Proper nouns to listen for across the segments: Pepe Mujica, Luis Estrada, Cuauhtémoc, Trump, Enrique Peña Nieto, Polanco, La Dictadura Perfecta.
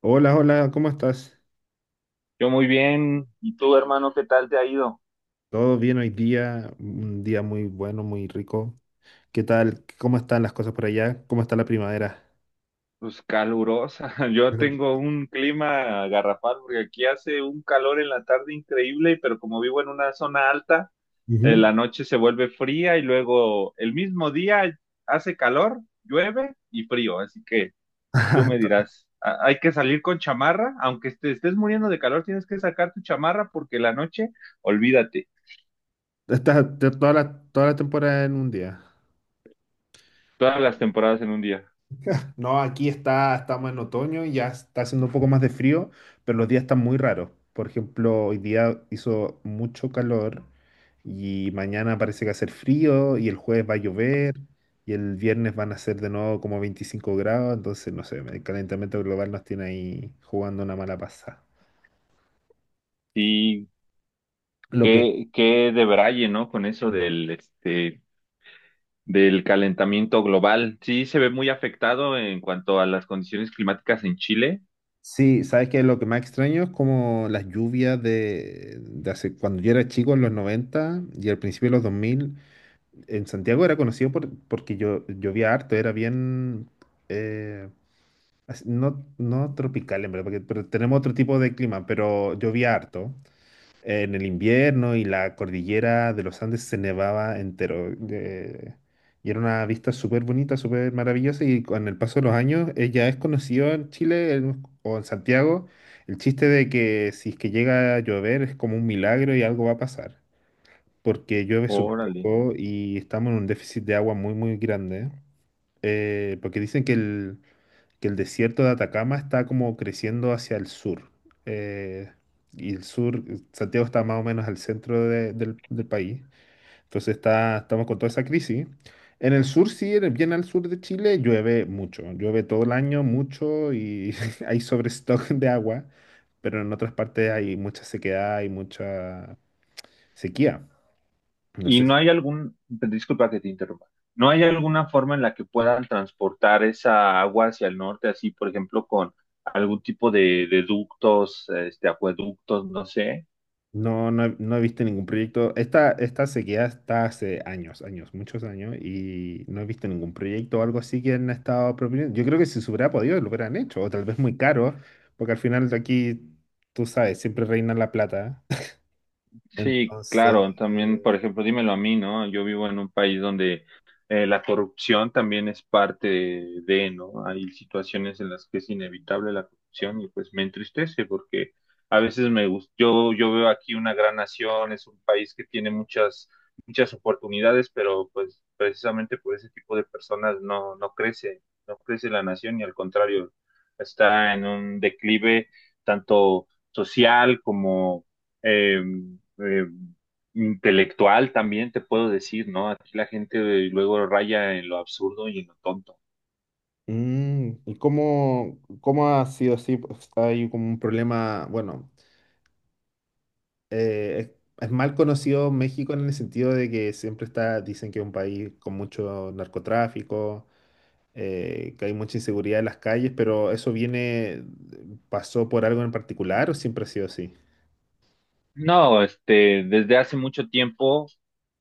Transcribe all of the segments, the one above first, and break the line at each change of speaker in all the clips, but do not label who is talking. Hola, hola, ¿cómo estás?
Yo muy bien. ¿Y tú, hermano, qué tal te ha ido?
¿Todo bien hoy día? Un día muy bueno, muy rico. ¿Qué tal? ¿Cómo están las cosas por allá? ¿Cómo está la primavera?
Pues calurosa. Yo tengo un clima garrafal porque aquí hace un calor en la tarde increíble, pero como vivo en una zona alta,
Ujú.
la noche se vuelve fría y luego el mismo día hace calor, llueve y frío. Así que tú me dirás, hay que salir con chamarra, aunque te estés muriendo de calor, tienes que sacar tu chamarra porque la noche, olvídate,
Está toda la temporada en un día.
todas las temporadas en un día.
No, aquí estamos en otoño, ya está haciendo un poco más de frío, pero los días están muy raros. Por ejemplo, hoy día hizo mucho calor y mañana parece que va a hacer frío y el jueves va a llover y el viernes van a ser de nuevo como 25 grados, entonces no sé, el calentamiento global nos tiene ahí jugando una mala pasada.
Sí.
Lo que
Qué de braille, ¿no? Con eso del calentamiento global. Sí, se ve muy afectado en cuanto a las condiciones climáticas en Chile.
sí, sabes que lo que más extraño es como las lluvias de hace cuando yo era chico en los 90 y al principio de los 2000 en Santiago era conocido porque yo llovía harto, era bien, eh, no, no tropical en verdad, porque, pero tenemos otro tipo de clima, pero llovía harto en el invierno y la cordillera de los Andes se nevaba entero. Y era una vista súper bonita, súper maravillosa, y con el paso de los años ya es conocido en Chile, o en Santiago, el chiste de que si es que llega a llover es como un milagro y algo va a pasar, porque llueve súper
Órale.
poco y estamos en un déficit de agua muy, muy grande. Porque dicen que que el desierto de Atacama está como creciendo hacia el sur. Eh, y el sur, Santiago está más o menos al centro del país. Entonces estamos con toda esa crisis. En el sur, sí, bien al sur de Chile, llueve mucho. Llueve todo el año mucho y hay sobrestock de agua. Pero en otras partes hay mucha sequedad y mucha sequía. No
Y
sé. Si
no hay algún, disculpa que te interrumpa, ¿no hay alguna forma en la que puedan transportar esa agua hacia el norte, así, por ejemplo, con algún tipo de ductos, acueductos, no sé?
No, no, he no he visto ningún proyecto. Esta sequía está hace años, años, muchos años, y no he visto ningún proyecto o algo así que han estado proponiendo. Yo creo que si se hubiera podido, lo hubieran hecho, o tal vez muy caro, porque al final, de aquí, tú sabes, siempre reina la plata.
Sí,
Entonces,
claro, también, por
eh,
ejemplo, dímelo a mí, ¿no? Yo vivo en un país donde la corrupción también es parte de, ¿no? Hay situaciones en las que es inevitable la corrupción y pues me entristece porque a veces me gusta, yo veo aquí una gran nación, es un país que tiene muchas, muchas oportunidades, pero pues precisamente por ese tipo de personas no crece, no crece la nación y al contrario, está en un declive tanto social como eh, eh, intelectual también, te puedo decir, ¿no? Aquí la gente luego raya en lo absurdo y en lo tonto.
¿y cómo ha sido así? Pues, hay como un problema, bueno, eh, es, es mal conocido México en el sentido de que dicen que es un país con mucho narcotráfico, que hay mucha inseguridad en las calles, pero ¿eso viene, pasó por algo en particular o siempre ha sido así?
No, desde hace mucho tiempo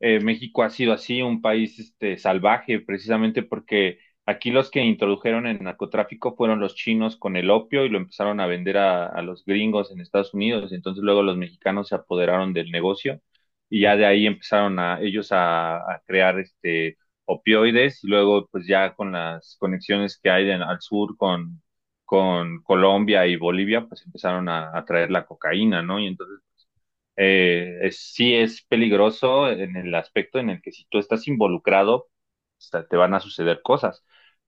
México ha sido así, un país salvaje, precisamente porque aquí los que introdujeron el narcotráfico fueron los chinos con el opio y lo empezaron a vender a los gringos en Estados Unidos. Entonces luego los mexicanos se apoderaron del negocio y ya
Claro.
de ahí empezaron a ellos a crear opioides y luego pues ya con las conexiones que hay al sur con Colombia y Bolivia, pues empezaron a traer la cocaína, ¿no? Y entonces sí es peligroso en el aspecto en el que si tú estás involucrado, o te van a suceder cosas,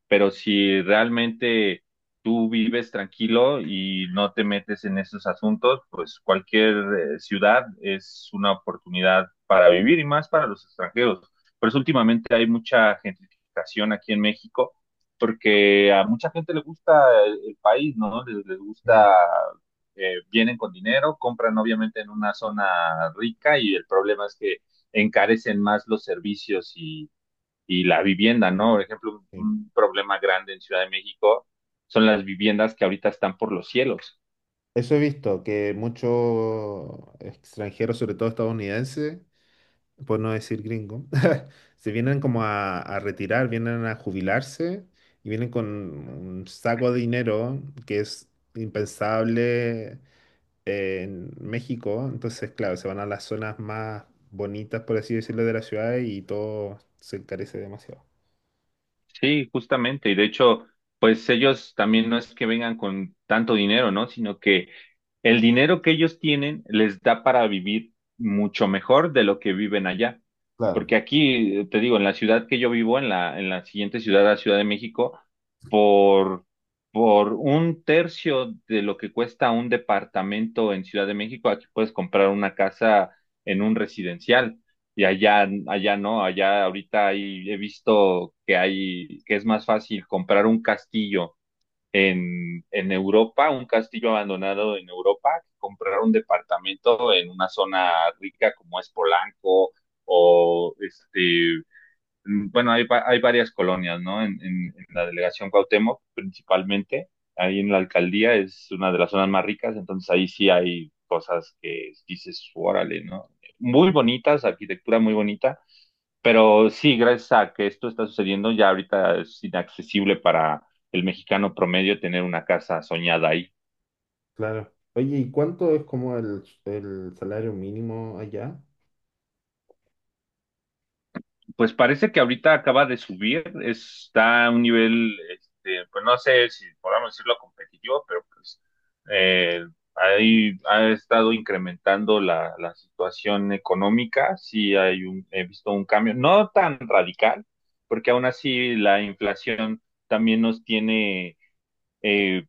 pero si realmente tú vives tranquilo y no te metes en esos asuntos, pues cualquier ciudad es una oportunidad para vivir y más para los extranjeros. Por eso últimamente hay mucha gentrificación aquí en México, porque a mucha gente le gusta el país, ¿no? Les
Mm.
gusta vienen con dinero, compran obviamente en una zona rica y el problema es que encarecen más los servicios y la vivienda, ¿no? Por ejemplo,
Sí.
un problema grande en Ciudad de México son las viviendas que ahorita están por los cielos.
Eso he visto, que muchos extranjeros, sobre todo estadounidenses, por no decir gringo, se vienen como a retirar, vienen a jubilarse y vienen con un saco de dinero que es impensable en México, entonces, claro, se van a las zonas más bonitas, por así decirlo, de la ciudad y todo se encarece demasiado.
Sí, justamente. Y de hecho, pues ellos también no es que vengan con tanto dinero, ¿no? Sino que el dinero que ellos tienen les da para vivir mucho mejor de lo que viven allá.
Claro.
Porque aquí, te digo, en la ciudad que yo vivo, en la siguiente ciudad, la Ciudad de México, por, por un tercio de lo que cuesta un departamento en Ciudad de México, aquí puedes comprar una casa en un residencial y allá, allá no, allá ahorita he visto que hay, que es más fácil comprar un castillo en Europa, un castillo abandonado en Europa, que comprar un departamento en una zona rica como es Polanco o bueno, hay, hay varias colonias, ¿no? En la delegación Cuauhtémoc, principalmente, ahí en la alcaldía es una de las zonas más ricas, entonces ahí sí hay cosas que dices, órale, ¿no? Muy bonitas, arquitectura muy bonita, pero sí, gracias a que esto está sucediendo, ya ahorita es inaccesible para el mexicano promedio tener una casa soñada ahí.
Claro. Oye, ¿y cuánto es como el salario mínimo allá?
Pues parece que ahorita acaba de subir, está a un nivel, este, pues no sé si podamos decirlo competitivo, pero pues eh, ahí ha estado incrementando la situación económica, sí hay un, he visto un cambio, no tan radical, porque aún así la inflación también nos tiene eh,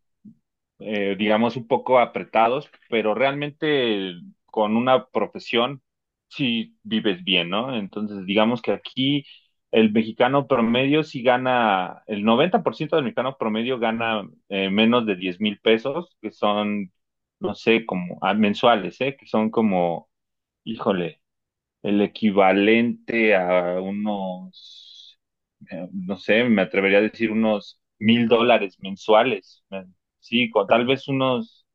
digamos, un poco apretados, pero realmente con una profesión sí vives bien, ¿no? Entonces, digamos que aquí el mexicano promedio sí gana, el 90% del mexicano promedio gana menos de 10,000 pesos, que son, no sé, como mensuales, ¿eh? Que son como, híjole, el equivalente a unos no sé, me atrevería a decir unos mil
Quinientos
dólares mensuales. Sí, con tal vez unos,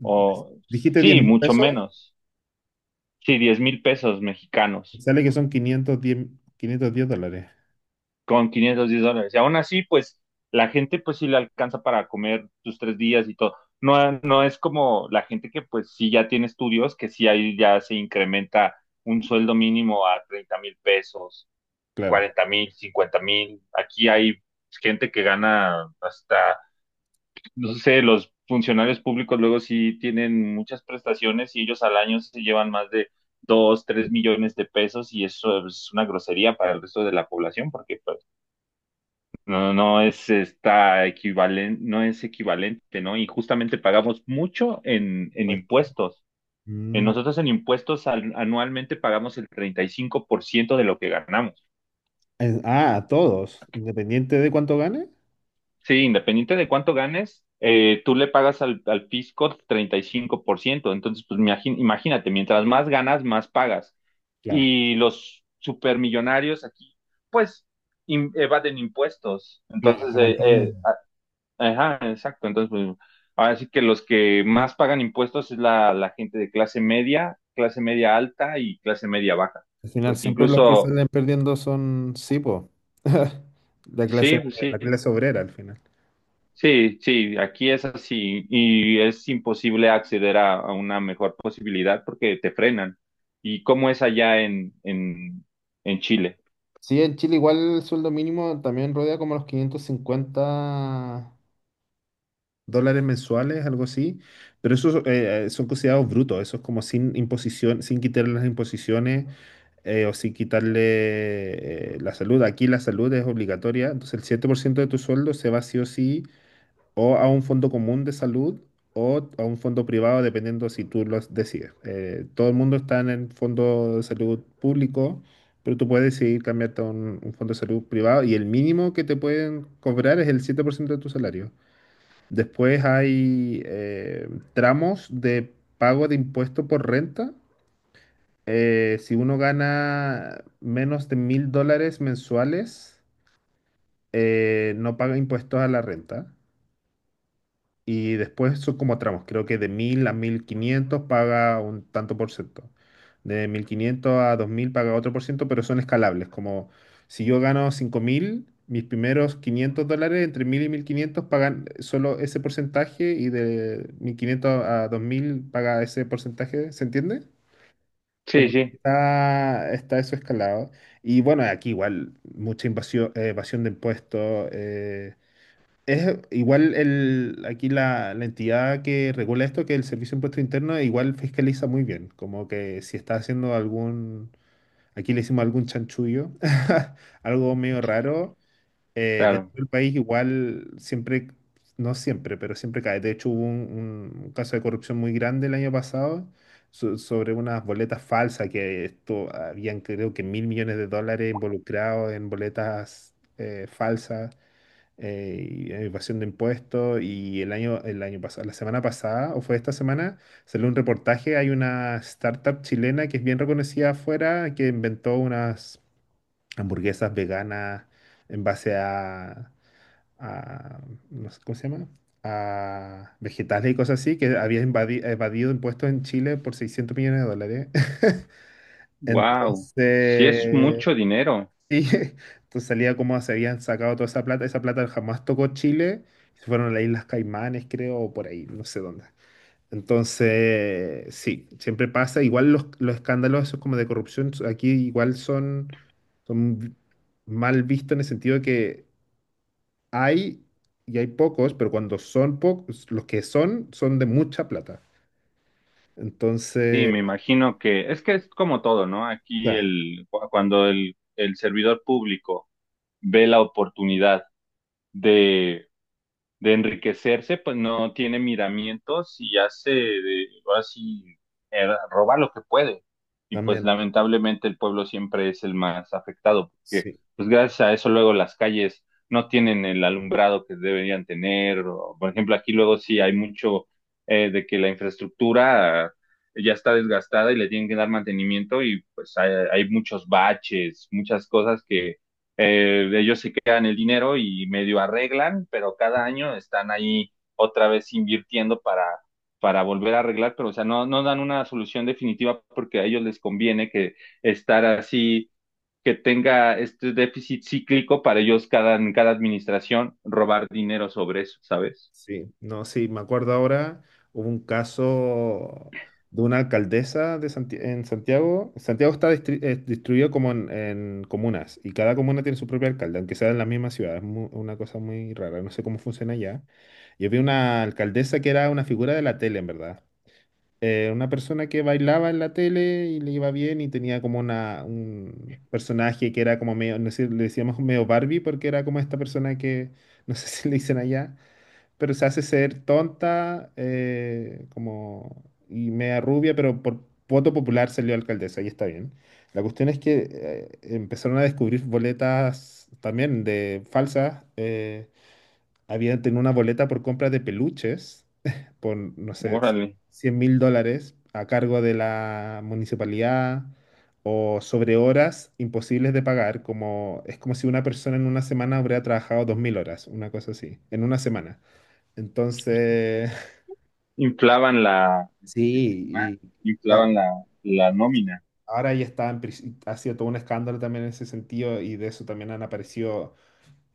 o
Dijiste diez
sí,
mil
mucho
pesos,
menos. Sí, 10,000 pesos mexicanos
sale que son $510.
con 510 dólares. Y aún así, pues la gente pues sí le alcanza para comer tus 3 días y todo. No, no es como la gente que pues sí ya tiene estudios, que sí ahí ya se incrementa un sueldo mínimo a 30,000 pesos,
Claro.
40,000, 50,000. Aquí hay gente que gana hasta no sé, los funcionarios públicos luego sí tienen muchas prestaciones y ellos al año se llevan más de dos, tres millones de pesos y eso es una grosería para el resto de la población porque pues, no es está equivalente, no es equivalente, ¿no? Y justamente pagamos mucho en
Puesto.
impuestos. En
Mm,
nosotros en impuestos anualmente pagamos el 35% de lo que ganamos.
ah, a todos, independiente de cuánto gane.
Sí, independiente de cuánto ganes, tú le pagas al fisco 35%. Entonces, pues imagínate, mientras más ganas, más pagas.
Claro,
Y los supermillonarios aquí, pues, evaden impuestos.
claro,
Entonces,
como en todo el mundo.
ajá, exacto. Entonces, pues, ahora sí que los que más pagan impuestos es la gente de clase media alta y clase media baja.
Al final
Porque
siempre los que
incluso,
salen perdiendo son Sipo. La clase,
sí, pues, sí.
la clase obrera al final.
Sí, sí, aquí es así y es imposible acceder a una mejor posibilidad porque te frenan. ¿Y cómo es allá en Chile?
Sí, en Chile igual el sueldo mínimo también rodea como los $550 mensuales, algo así, pero esos son considerados brutos, eso es como sin imposición, sin quitarle las imposiciones, o sin quitarle, la salud. Aquí la salud es obligatoria, entonces el 7% de tu sueldo se va sí o sí, o a un fondo común de salud, o a un fondo privado, dependiendo si tú lo decides. Todo el mundo está en el fondo de salud público, pero tú puedes decidir cambiarte a un fondo de salud privado y el mínimo que te pueden cobrar es el 7% de tu salario. Después hay, tramos de pago de impuesto por renta. Si uno gana menos de $1.000 mensuales, no paga impuestos a la renta. Y después son como tramos, creo que de 1000 a 1500 paga un tanto por ciento. De 1500 a 2000 paga otro por ciento, pero son escalables. Como si yo gano 5.000, mis primeros $500 entre 1000 y 1500 pagan solo ese porcentaje, y de 1500 a 2000 paga ese porcentaje. ¿Se entiende?
Sí,
Como que
sí,
está eso escalado. Y bueno, aquí igual mucha evasión de impuestos. Aquí la entidad que regula esto, que el Servicio de Impuesto Interno, igual fiscaliza muy bien, como que si está haciendo algún, aquí le hicimos algún chanchullo, algo medio raro, dentro
claro.
del país igual siempre, no siempre, pero siempre cae. De hecho hubo un caso de corrupción muy grande el año pasado, sobre unas boletas falsas, que esto habían, creo que, $1.000 millones involucrados en boletas, falsas, y evasión de impuestos, y el año pasado, la semana pasada o fue esta semana, salió un reportaje, hay una startup chilena que es bien reconocida afuera que inventó unas hamburguesas veganas en base a, no sé, ¿cómo se llama?, a vegetales y cosas así, que había evadido impuestos en Chile por $600 millones.
Wow, sí es
Entonces,
mucho dinero.
sí, entonces salía como se habían sacado toda esa plata. Esa plata jamás tocó Chile. Se fueron a las Islas Caimanes, creo, o por ahí, no sé dónde. Entonces, sí, siempre pasa. Igual los escándalos esos como de corrupción aquí igual son, son vi- mal vistos en el sentido de que hay, y hay pocos, pero cuando son pocos, los que son, son de mucha plata.
Sí,
Entonces,
me imagino que es como todo, ¿no? Aquí
ya,
cuando el servidor público ve la oportunidad de enriquecerse, pues no tiene miramientos y hace de, así, roba lo que puede. Y pues
también,
lamentablemente el pueblo siempre es el más afectado, porque
sí.
pues gracias a eso luego las calles no tienen el alumbrado que deberían tener. O, por ejemplo, aquí luego sí hay mucho de que la infraestructura ya está desgastada y le tienen que dar mantenimiento y pues hay muchos baches, muchas cosas que ellos se quedan el dinero y medio arreglan, pero cada año están ahí otra vez invirtiendo para volver a arreglar, pero o sea, no dan una solución definitiva porque a ellos les conviene que estar así, que tenga este déficit cíclico para ellos cada, en cada administración robar dinero sobre eso, ¿sabes?
Sí, no, sí, me acuerdo ahora, hubo un caso de una alcaldesa de en Santiago. Santiago está distribuido como en comunas y cada comuna tiene su propio alcalde, aunque sea en la misma ciudad. Es una cosa muy rara, no sé cómo funciona allá. Yo vi una alcaldesa que era una figura de la tele, en verdad. Una persona que bailaba en la tele y le iba bien y tenía como un personaje que era como medio, no sé, le decíamos medio Barbie, porque era como esta persona que, no sé si le dicen allá, pero se hace ser tonta, como y media rubia, pero por voto popular salió alcaldesa y está bien. La cuestión es que empezaron a descubrir boletas también de falsas. Habían tenido una boleta por compra de peluches por, no sé,
Órale,
$100.000 a cargo de la municipalidad, o sobre horas imposibles de pagar, como es como si una persona en una semana hubiera trabajado 2.000 horas, una cosa así, en una semana. Entonces,
inflaban la,
sí, y
inflaban
claro,
la, la nómina.
ahora ya está, ha sido todo un escándalo también en ese sentido, y de eso también han aparecido,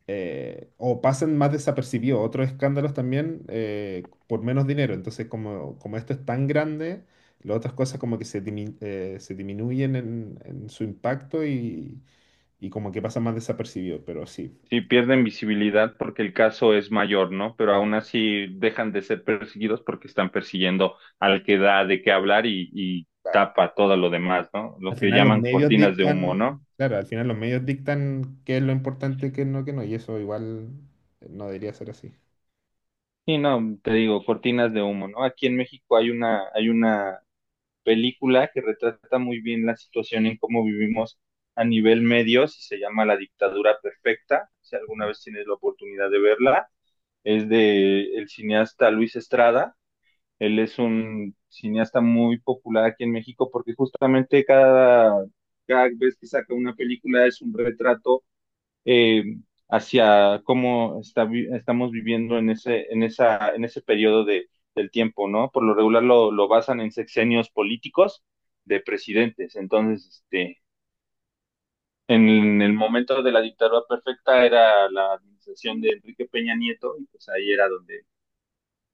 o pasan más desapercibidos otros escándalos también, por menos dinero. Entonces, como esto es tan grande, las otras cosas como que se disminuyen en su impacto, y como que pasan más desapercibidos, pero sí.
Sí, pierden visibilidad porque el caso es mayor, ¿no? Pero aún
Claro,
así dejan de ser perseguidos porque están persiguiendo al que da de qué hablar y
claro.
tapa todo lo demás, ¿no?
Al
Lo que
final los
llaman
medios
cortinas de humo, ¿no?
dictan, claro, al final los medios dictan qué es lo importante, qué no, lo que no, y eso igual no debería ser así.
Y no, te digo, cortinas de humo, ¿no? Aquí en México
Ah,
hay una película que retrata muy bien la situación en cómo vivimos a nivel medios y se llama La Dictadura Perfecta. Si alguna
ujú.
vez tienes la oportunidad de verla, es de el cineasta Luis Estrada. Él es un cineasta muy popular aquí en México porque justamente cada, cada vez que saca una película es un retrato eh, hacia cómo está, estamos viviendo en ese, en esa, en ese periodo de, del tiempo, ¿no? Por lo regular lo basan en sexenios políticos de presidentes. Entonces, este, en el momento de la dictadura perfecta era la administración de Enrique Peña Nieto y pues ahí era donde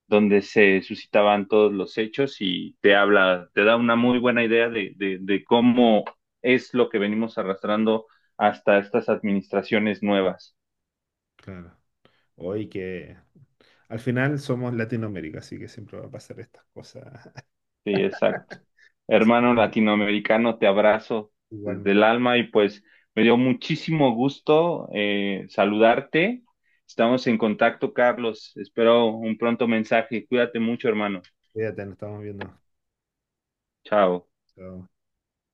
se suscitaban todos los hechos y te habla, te da una muy buena idea de cómo es lo que venimos arrastrando hasta estas administraciones nuevas.
Claro. Hoy que al final somos Latinoamérica, así que siempre va a pasar estas cosas.
Sí, exacto. Hermano latinoamericano, te abrazo desde el
Igualmente,
alma y pues me dio muchísimo gusto saludarte. Estamos en contacto, Carlos. Espero un pronto mensaje. Cuídate mucho, hermano.
cuídate, nos estamos viendo.
Chao.
Chao.